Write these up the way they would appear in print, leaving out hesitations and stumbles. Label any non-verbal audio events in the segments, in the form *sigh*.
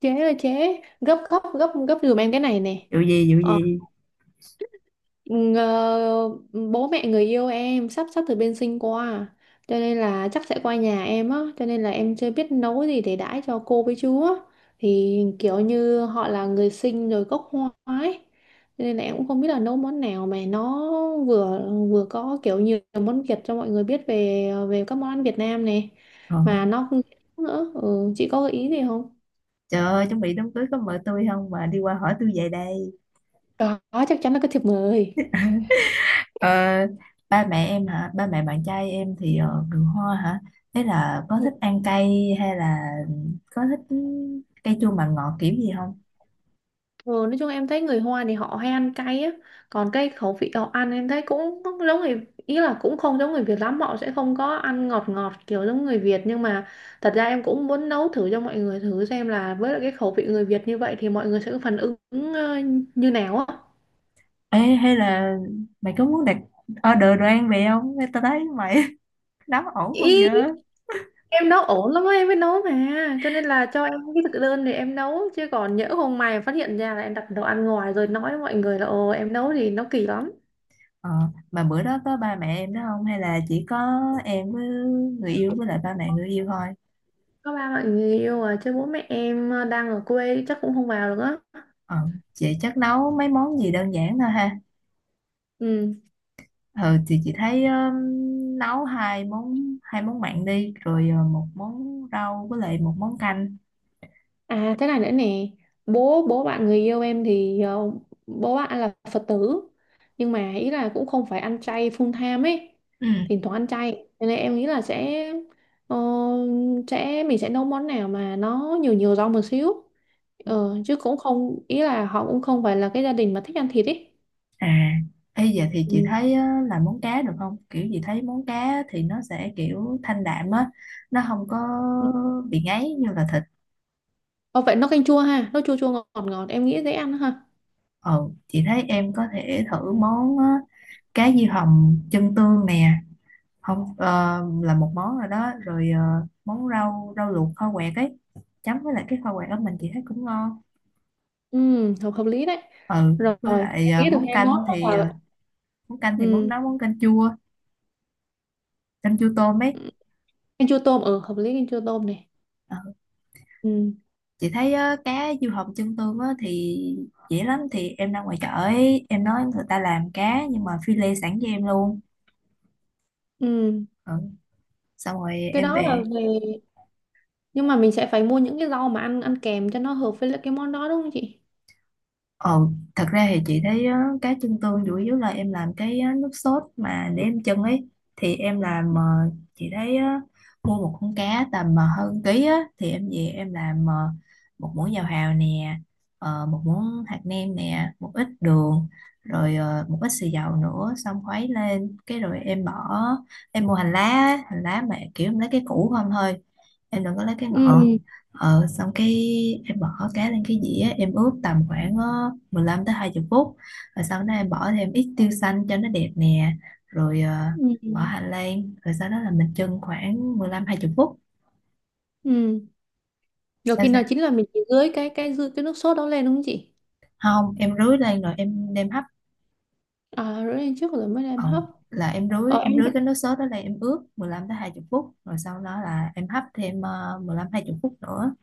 Chế là chế gấp gấp gấp gấp giùm em cái này nè. Vụ gì vụ ờ, gì? ngờ- Bố mẹ người yêu em sắp sắp từ bên Sinh qua, cho nên là chắc sẽ qua nhà em á, cho nên là em chưa biết nấu gì để đãi cho cô với chú á. Thì kiểu như họ là người Sinh rồi gốc Hoa ấy, cho nên là em cũng không biết là nấu món nào mà nó vừa vừa có kiểu nhiều món Việt cho mọi người biết về về các món ăn Việt Nam này, Ờ. mà nó cũng nữa. Ừ, chị có gợi ý gì không? Trời ơi, chuẩn bị đám cưới có mời tôi không mà đi qua hỏi tôi về đây? Có, chắc chắn là có thiệp mời. Ờ, ba mẹ em hả? Ba mẹ bạn trai em thì người Hoa hả? Thế là có Ừ. thích ăn cay hay là có thích cay chua mặn ngọt kiểu gì không? Ừ, nói chung em thấy người Hoa thì họ hay ăn cay á. Còn cái khẩu vị họ ăn em thấy cũng giống người, ý là cũng không giống người Việt lắm, họ sẽ không có ăn ngọt ngọt kiểu giống người Việt. Nhưng mà thật ra em cũng muốn nấu thử cho mọi người thử xem là với lại cái khẩu vị người Việt như vậy thì mọi người sẽ có phản ứng ờ, như nào á. Ê, hay là mày có muốn đặt order đồ ăn về không? Ê, tao thấy mày *laughs* nấu ổn không Ý giờ? em nấu ổn lắm á, em mới nấu mà, cho nên là cho em cái thực đơn để em nấu, chứ còn nhỡ hôm mai phát hiện ra là em đặt đồ ăn ngoài rồi nói với mọi người là ồ em nấu thì nó kỳ lắm. Ờ, mà bữa đó có ba mẹ em đó không hay là chỉ có em với người yêu với lại ba mẹ người yêu thôi? Có ba bạn người yêu à, chứ bố mẹ em đang ở quê chắc cũng không vào được á. Ờ, chị chắc nấu mấy món gì đơn giản thôi ha. Ừ. Ừ, thì chị thấy nấu hai món, hai món mặn đi rồi một món rau với lại một món canh. À thế này nữa nè, bố bố bạn người yêu em thì bố bạn là Phật tử, nhưng mà ý là cũng không phải ăn chay full time ấy, Ừ. thỉnh thoảng ăn chay. Cho nên em nghĩ là sẽ ờ, sẽ mình sẽ nấu món nào mà nó nhiều nhiều rau một xíu. Ờ, chứ cũng không, ý là họ cũng không phải là cái gia đình mà thích ăn thịt ấy. À, bây giờ thì chị Ừ. thấy làm món cá được không? Kiểu chị thấy món cá thì nó sẽ kiểu thanh đạm á, nó không có bị ngấy như là thịt. Ờ, vậy nấu canh chua ha, nấu chua chua ngọt ngọt em nghĩ dễ ăn ha. Ừ, chị thấy em có thể thử món cá diêu hồng chân tương nè. Không, là một món rồi đó. Rồi món rau rau luộc kho quẹt ấy, chấm với lại cái kho quẹt ở mình chị thấy cũng ngon. Ừ, hợp hợp lý đấy. Ừ, Rồi, với lại em nghĩ được món hai món canh đó thì là à, món canh thì món ừ, nấu món canh chua, canh chua tôm ấy. canh chua tôm, ừ, hợp lý canh chua tôm này. Ờ, Ừ, chị thấy á, cá diêu hồng chân tương á, thì dễ lắm, thì em ra ngoài chợ ấy em nói người ta làm cá nhưng mà phi lê sẵn cho em luôn. ừ. Ừ. Xong rồi Cái em đó là về. về, nhưng mà mình sẽ phải mua những cái rau mà ăn ăn kèm cho nó hợp với lại cái món đó đúng không chị? Ờ, thật ra thì chị thấy á, cái chân tương chủ yếu là em làm cái á, nước sốt mà để em chân ấy, thì em làm chị thấy á, mua một con cá tầm hơn ký á, thì em về em làm một muỗng dầu hào nè, một muỗng hạt nêm nè, một ít đường, rồi một ít xì dầu nữa, xong khuấy lên cái rồi em bỏ. Em mua hành lá á, hành lá mà kiểu em lấy cái củ không thôi, em đừng có lấy cái Ừ. ngọn. Ờ, xong cái em bỏ cá lên cái dĩa, em ướp tầm khoảng 15 tới 20 phút, rồi sau đó em bỏ thêm ít tiêu xanh cho nó đẹp nè, rồi Ừ. bỏ hành lan, rồi sau đó là mình chưng khoảng 15 20 phút. Ừ. Rồi sao khi nào sao chín là mình chỉ rưới cái dư cái nước sốt đó lên đúng không chị? không, em rưới lên rồi em đem hấp. À, rưới lên trước rồi mới ờ, đem hấp. là em rưới Ờ. em rưới cái nước sốt đó lên, em ướp 15 tới 20 phút rồi sau đó là em hấp thêm 15 20 phút nữa.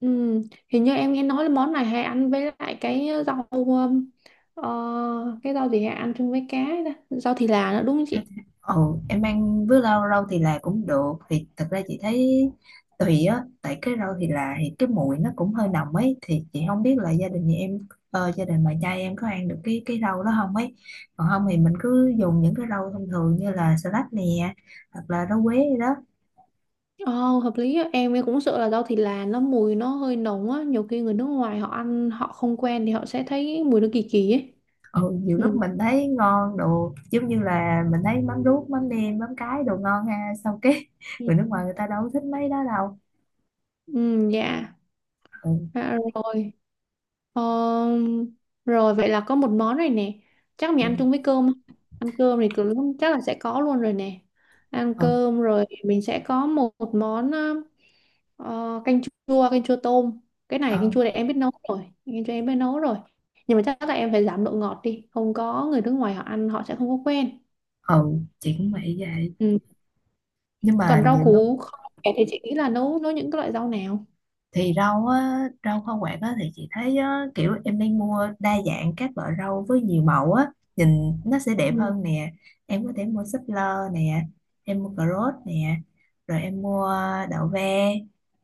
Hình như em nghe nói là món này hay ăn với lại cái rau cái rau gì hay ăn chung với cá ấy ta? Rau thì là nữa đúng không chị? Ồ, em ăn với rau rau thì là cũng được. Thì thật ra chị thấy tùy á, tại cái rau thì là thì cái mùi nó cũng hơi nồng ấy, thì chị không biết là gia đình nhà em, gia đình bà trai em có ăn được cái rau đó không ấy. Còn không thì mình cứ dùng những cái rau thông thường như là salad nè, hoặc là rau quế gì đó. Ồ, hợp lý á. Em cũng sợ là rau thì là nó mùi nó hơi nồng á, nhiều khi người nước ngoài họ ăn họ không quen thì họ sẽ thấy mùi nó kỳ kỳ ấy. Ừ, nhiều lúc Ừ. mình thấy ngon đồ giống như là mình thấy mắm ruốc mắm nêm mắm cái đồ ngon ha, sau cái *laughs* người nước ngoài người ta đâu có thích mấy đó đâu. Ừ, dạ. Ừ, À, rồi. Ờ, rồi vậy là có một món rồi nè. Chắc mình ừ, ăn chung với cơm. Ăn cơm thì cứ lúc chắc là sẽ có luôn rồi nè. Ăn ừ, cơm rồi mình sẽ có một, một món ờ, canh canh chua tôm. Cái này canh ừ, chua này em biết nấu rồi. Canh chua em biết nấu rồi. Nhưng mà chắc là em phải giảm độ ngọt đi. Không có, người nước ngoài họ ăn họ sẽ không có quen. ừ, chị cũng vậy vậy, Ừ. nhưng mà Còn rau nhiều lúc củ kho thì chị nghĩ là nấu nấu những cái loại rau nào? thì rau á, rau hoa quả á, thì chị thấy á, kiểu em nên mua đa dạng các loại rau với nhiều màu á, nhìn nó sẽ đẹp Ừ. hơn nè. Em có thể mua súp lơ nè, em mua cà rốt nè, rồi em mua đậu ve,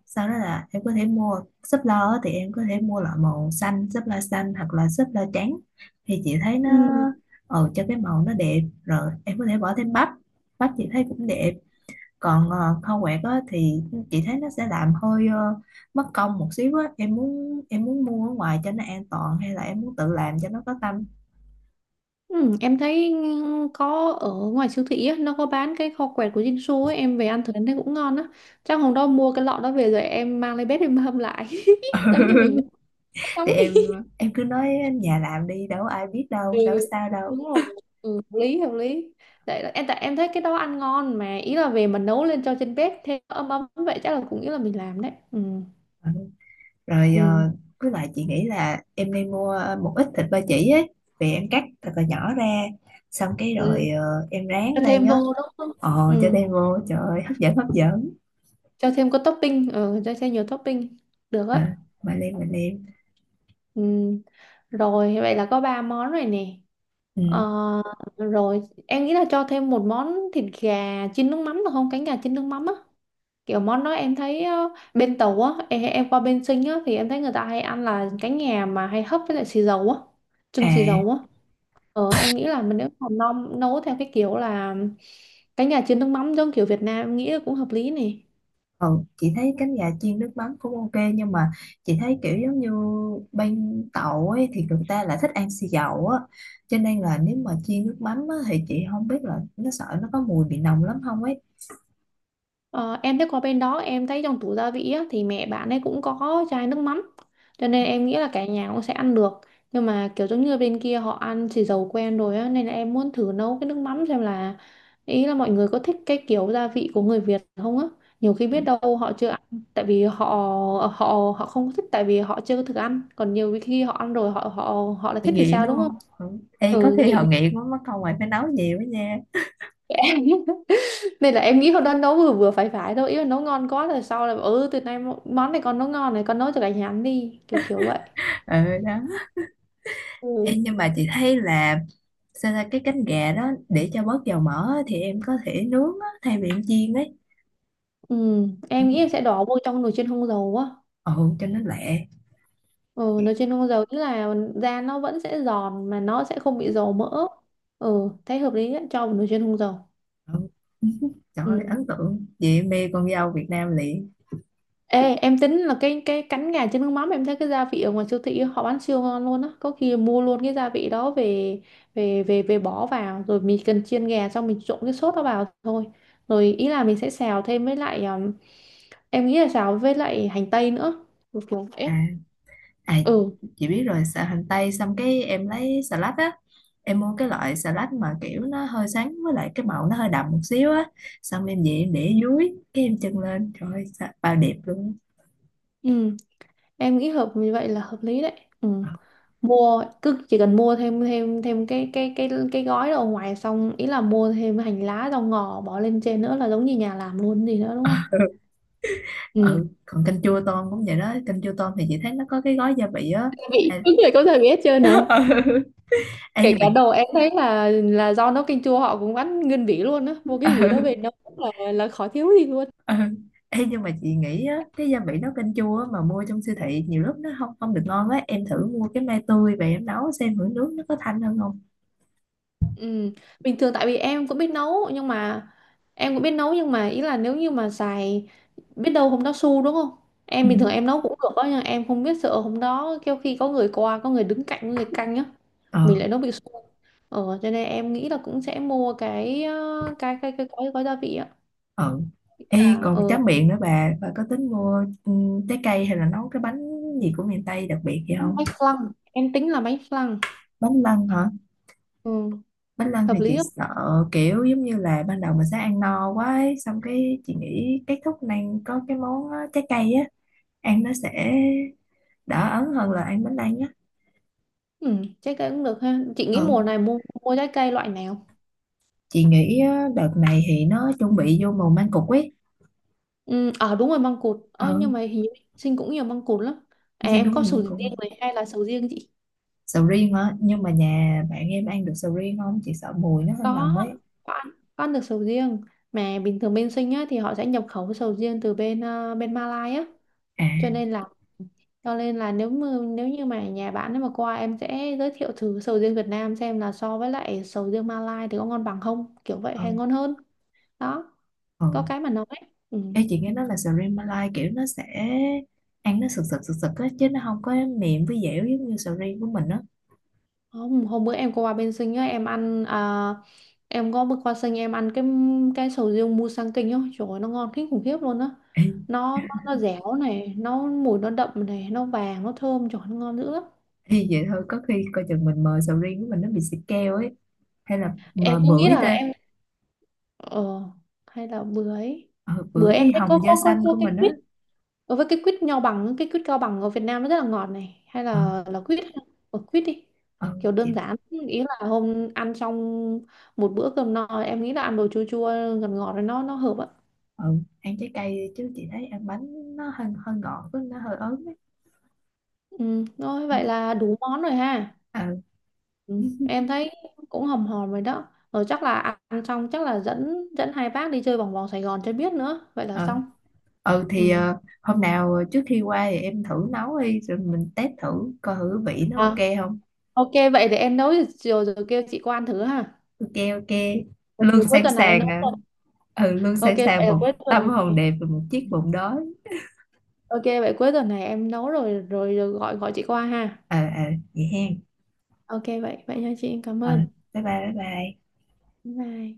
sau đó là em có thể mua súp lơ á, thì em có thể mua loại màu xanh, súp lơ xanh hoặc là súp lơ trắng, thì chị thấy nó Ừ. Cho cái màu nó đẹp. Rồi em có thể bỏ thêm bắp, bắp chị thấy cũng đẹp. Còn khâu quẹt á, thì chị thấy nó sẽ làm hơi mất công một xíu á, em muốn mua ở ngoài cho nó an toàn hay là em muốn tự làm cho nó có tâm? Ừ, em thấy ừ, có ở ngoài siêu thị á, nó có bán cái kho quẹt của Jinsu ấy, em về ăn thử em thấy cũng ngon á. Chắc hôm đó mua cái lọ đó về rồi em mang lên bếp em hâm lại. *laughs* Giống như mình nấu *laughs* Thì nóng đi. em cứ nói nhà làm đi, đâu có ai biết, đâu Ừ, đâu có sao đâu. đúng rồi. Ừ, hợp lý hợp lý. Tại em thấy cái đó ăn ngon mà, ý là về mà nấu lên cho trên bếp thêm ấm ấm vậy chắc là cũng ý là mình làm đấy. Ừ. Ừ. Rồi Ừ. Với lại chị nghĩ là em nên mua một ít thịt ba chỉ ấy, về em cắt thật là nhỏ ra, xong cái Ừ. rồi em rán Cho lên thêm á. vô đúng không? Ồ, cho Ừ. đem vô, trời ơi, hấp dẫn hấp dẫn. Cho thêm có topping, ừ, cho thêm nhiều topping. Được Ờ, á. mà lên, mà lên. Ừ. Rồi vậy là có ba món rồi nè. Ừ. Ờ, rồi em nghĩ là cho thêm một món thịt gà chiên nước mắm được không? Cánh gà chiên nước mắm á. Kiểu món đó em thấy bên tàu á, em qua bên Sinh á thì em thấy người ta hay ăn là cánh gà mà hay hấp với lại xì dầu á, trưng xì À. dầu á. Ờ em nghĩ là mình nếu mà nấu nấu theo cái kiểu là cánh gà chiên nước mắm giống kiểu Việt Nam em nghĩ là cũng hợp lý nè. Ừ, chị thấy cánh gà chiên nước mắm cũng ok, nhưng mà chị thấy kiểu giống như bên Tàu ấy thì người ta lại thích ăn xì dầu á, cho nên là nếu mà chiên nước mắm á, thì chị không biết là nó sợ nó có mùi bị nồng lắm không ấy. Ờ, em thấy qua bên đó em thấy trong tủ gia vị á, thì mẹ bạn ấy cũng có chai nước mắm, cho nên em nghĩ là cả nhà cũng sẽ ăn được. Nhưng mà kiểu giống như bên kia họ ăn xì dầu quen rồi á nên là em muốn thử nấu cái nước mắm xem là ý là mọi người có thích cái kiểu gia vị của người Việt không á. Nhiều khi biết Ừ, đâu họ chưa ăn tại vì họ, họ không có thích tại vì họ chưa có thử ăn, còn nhiều khi họ ăn rồi họ họ họ lại bị thích thì nghiện sao đúng đúng không. không. Ừ. Ê, có Ừ khi họ nghiện. nghiện quá mất công mày phải nấu nhiều quá nha. *laughs* Nên là em nghĩ hôm đó nấu vừa vừa phải phải thôi, ý là nấu ngon quá rồi sau là bảo, ừ từ nay món này con nấu ngon này con nấu cho cả nhà ăn đi kiểu kiểu vậy. Ừ đó. Ừ. Ê, nhưng mà chị thấy là sao ra cái cánh gà đó để cho bớt dầu mỡ á, thì em có thể nướng á, thay vì em chiên ấy. Ừ, em nghĩ em sẽ đổ vô trong nồi chiên không dầu á. Ừ, cho nó lẹ. Ừ, nồi chiên không dầu tức là da nó vẫn sẽ giòn mà nó sẽ không bị dầu mỡ. Ừ thấy hợp lý đấy, cho vào nồi chiên không dầu. Ừ. Trời Ừ. ơi, ấn tượng, chị mê con dâu Việt Nam liền. Ê, em tính là cái cánh gà chân nước mắm em thấy cái gia vị ở ngoài siêu thị họ bán siêu ngon luôn á, có khi mua luôn cái gia vị đó về về về về bỏ vào rồi mình cần chiên gà xong mình trộn cái sốt đó vào thôi. Rồi ý là mình sẽ xào thêm với lại em nghĩ là xào với lại hành tây nữa. Kiểu kiểu vậy. À, à, Ừ. chị biết rồi. Xà hành tây xong cái em lấy xà lách á, em mua cái loại xà lách mà kiểu nó hơi sáng với lại cái màu nó hơi đậm một xíu á, xong em về em để dưới cái em chân lên, trời ơi, bao đẹp luôn. Ừ em nghĩ hợp như vậy là hợp lý đấy. Ừ, Ờ, mua cứ chỉ cần mua thêm thêm thêm cái gói đó ở ngoài xong ý là mua thêm hành lá rau ngò bỏ lên trên nữa là giống như nhà làm luôn gì nữa đúng không. Ừ. ừ, còn canh chua tôm cũng vậy đó. Canh chua tôm thì chị thấy nó có cái gói gia vị á. Cái vị Hay- đúng rồi có thể biết chưa nè. *laughs* Ừ. Ê, Kể nhưng mà. cả đồ em thấy là do nấu canh chua họ cũng bán nguyên vỉ luôn á, mua cái vỉ đó Ừ. về nấu là khó thiếu gì luôn. Ừ. Ê, nhưng mà chị nghĩ á, cái gia vị nấu canh chua á, mà mua trong siêu thị nhiều lúc nó không không được ngon á, em thử mua cái mai tươi về em nấu xem thử nước nó có thanh hơn không. Ừ. Bình thường tại vì em cũng biết nấu nhưng mà ý là nếu như mà xài, biết đâu hôm đó su đúng không? Ừ. Em bình thường em nấu cũng được đó nhưng em không biết sợ hôm đó kêu khi có người qua, có người đứng cạnh, có người canh á Ờ, mình lại nấu bị su. Ờ cho nên em nghĩ là cũng sẽ mua cái cái gói gói gia vị á. ờ. À, Ê, còn ờ tráng miệng nữa, bà có tính mua, ừ, trái cây hay là nấu cái bánh gì của miền Tây đặc biệt gì không? bánh flan, em tính là bánh flan. Bánh lăng hả? Ừ, Bánh lăng hợp thì chị lý không? sợ kiểu giống như là ban đầu mình sẽ ăn no quá ấy, xong cái chị nghĩ kết thúc này có cái món á, trái cây á, ăn nó sẽ đỡ ấn hơn là ăn bánh lăng nhá. Ừ, trái cây cũng được ha. Chị nghĩ Ừ. mùa này mua mua trái cây loại nào? Chị nghĩ á, đợt này thì nó chuẩn bị vô mùa mang cục ấy. Ừ, à đúng rồi măng cụt. Ừ, Ờ, nhưng mà hình như sinh cũng nhiều măng cụt lắm. À, xin em cúng có gì sầu mang cục. riêng này hay là sầu riêng chị? Sầu riêng hả? Nhưng mà nhà bạn em ăn được sầu riêng không, chị sợ mùi nó hơi Có, nồng ấy. có ăn, có ăn được sầu riêng. Mà bình thường bên sinh á, thì họ sẽ nhập khẩu sầu riêng từ bên bên Malai á. À, Cho nên là cho nên là nếu mà, nếu như mà nhà bạn ấy mà qua em sẽ giới thiệu thử sầu riêng Việt Nam xem là so với lại sầu riêng Malai thì có ngon bằng không, kiểu vậy hay không. ngon hơn. Đó, có Ừ. cái mà nói. Ừ. Ê, chị nghe nói là sầu riêng Malai kiểu nó sẽ ăn nó sực sực sực sực á chứ nó không có mềm với dẻo giống như sầu riêng của mình á. Hôm bữa em có qua bên Sinh á, em ăn à, em có bước qua Sinh em ăn cái sầu riêng Musang Kinh á, trời ơi, nó ngon kinh khủng khiếp luôn á. Ê, Nó, nó dẻo này, nó mùi nó đậm này, nó vàng, nó thơm, trời ơi, nó ngon dữ lắm. ê, vậy thôi có khi coi chừng mình mời sầu riêng của mình nó bị xịt keo ấy, hay là mời Em cũng nghĩ bưởi là ta. em ờ hay là bữa ấy, Ờ, bưởi bữa em với thấy có hồng da xanh của mình á. cái ở với cái quýt nho bằng, cái quýt cao bằng ở Việt Nam nó rất là ngọt này. Hay Ờ, là quýt, ở quýt đi. ờ, Kiểu đơn chị. giản, ý là hôm ăn xong một bữa cơm no, em nghĩ là ăn đồ chua chua ngọt ngọt rồi nó hợp ạ. Ừ, ăn trái cây đi chứ chị thấy ăn bánh nó hơi hơi ngọt với nó hơi ớn ấy. Ừ, rồi Ừ, vậy là đủ món rồi ha. ừ Ừ, em *laughs* thấy cũng hòm hòm rồi đó. Rồi chắc là ăn xong chắc là dẫn dẫn hai bác đi chơi vòng vòng Sài Gòn cho biết nữa. Vậy là ừ. xong. Ừ, thì Ừ. Hôm nào trước khi qua thì em thử nấu đi rồi mình test thử coi thử vị nó ok À, không. ok vậy để em nấu rồi, rồi kêu chị qua ăn thử ha. Ok, ok, Còn luôn cuối sẵn tuần này em sàng nấu à. rồi. Ừ, luôn Ok sẵn vậy sàng là một cuối tâm tuần hồn này. đẹp và một chiếc bụng đói. Ok vậy cuối tuần này em nấu rồi rồi, rồi gọi gọi chị qua ha. Ờ, ờ, vậy hen. Ok vậy vậy nha chị, em cảm Ờ, ơn. bye bye bye bye. Bye.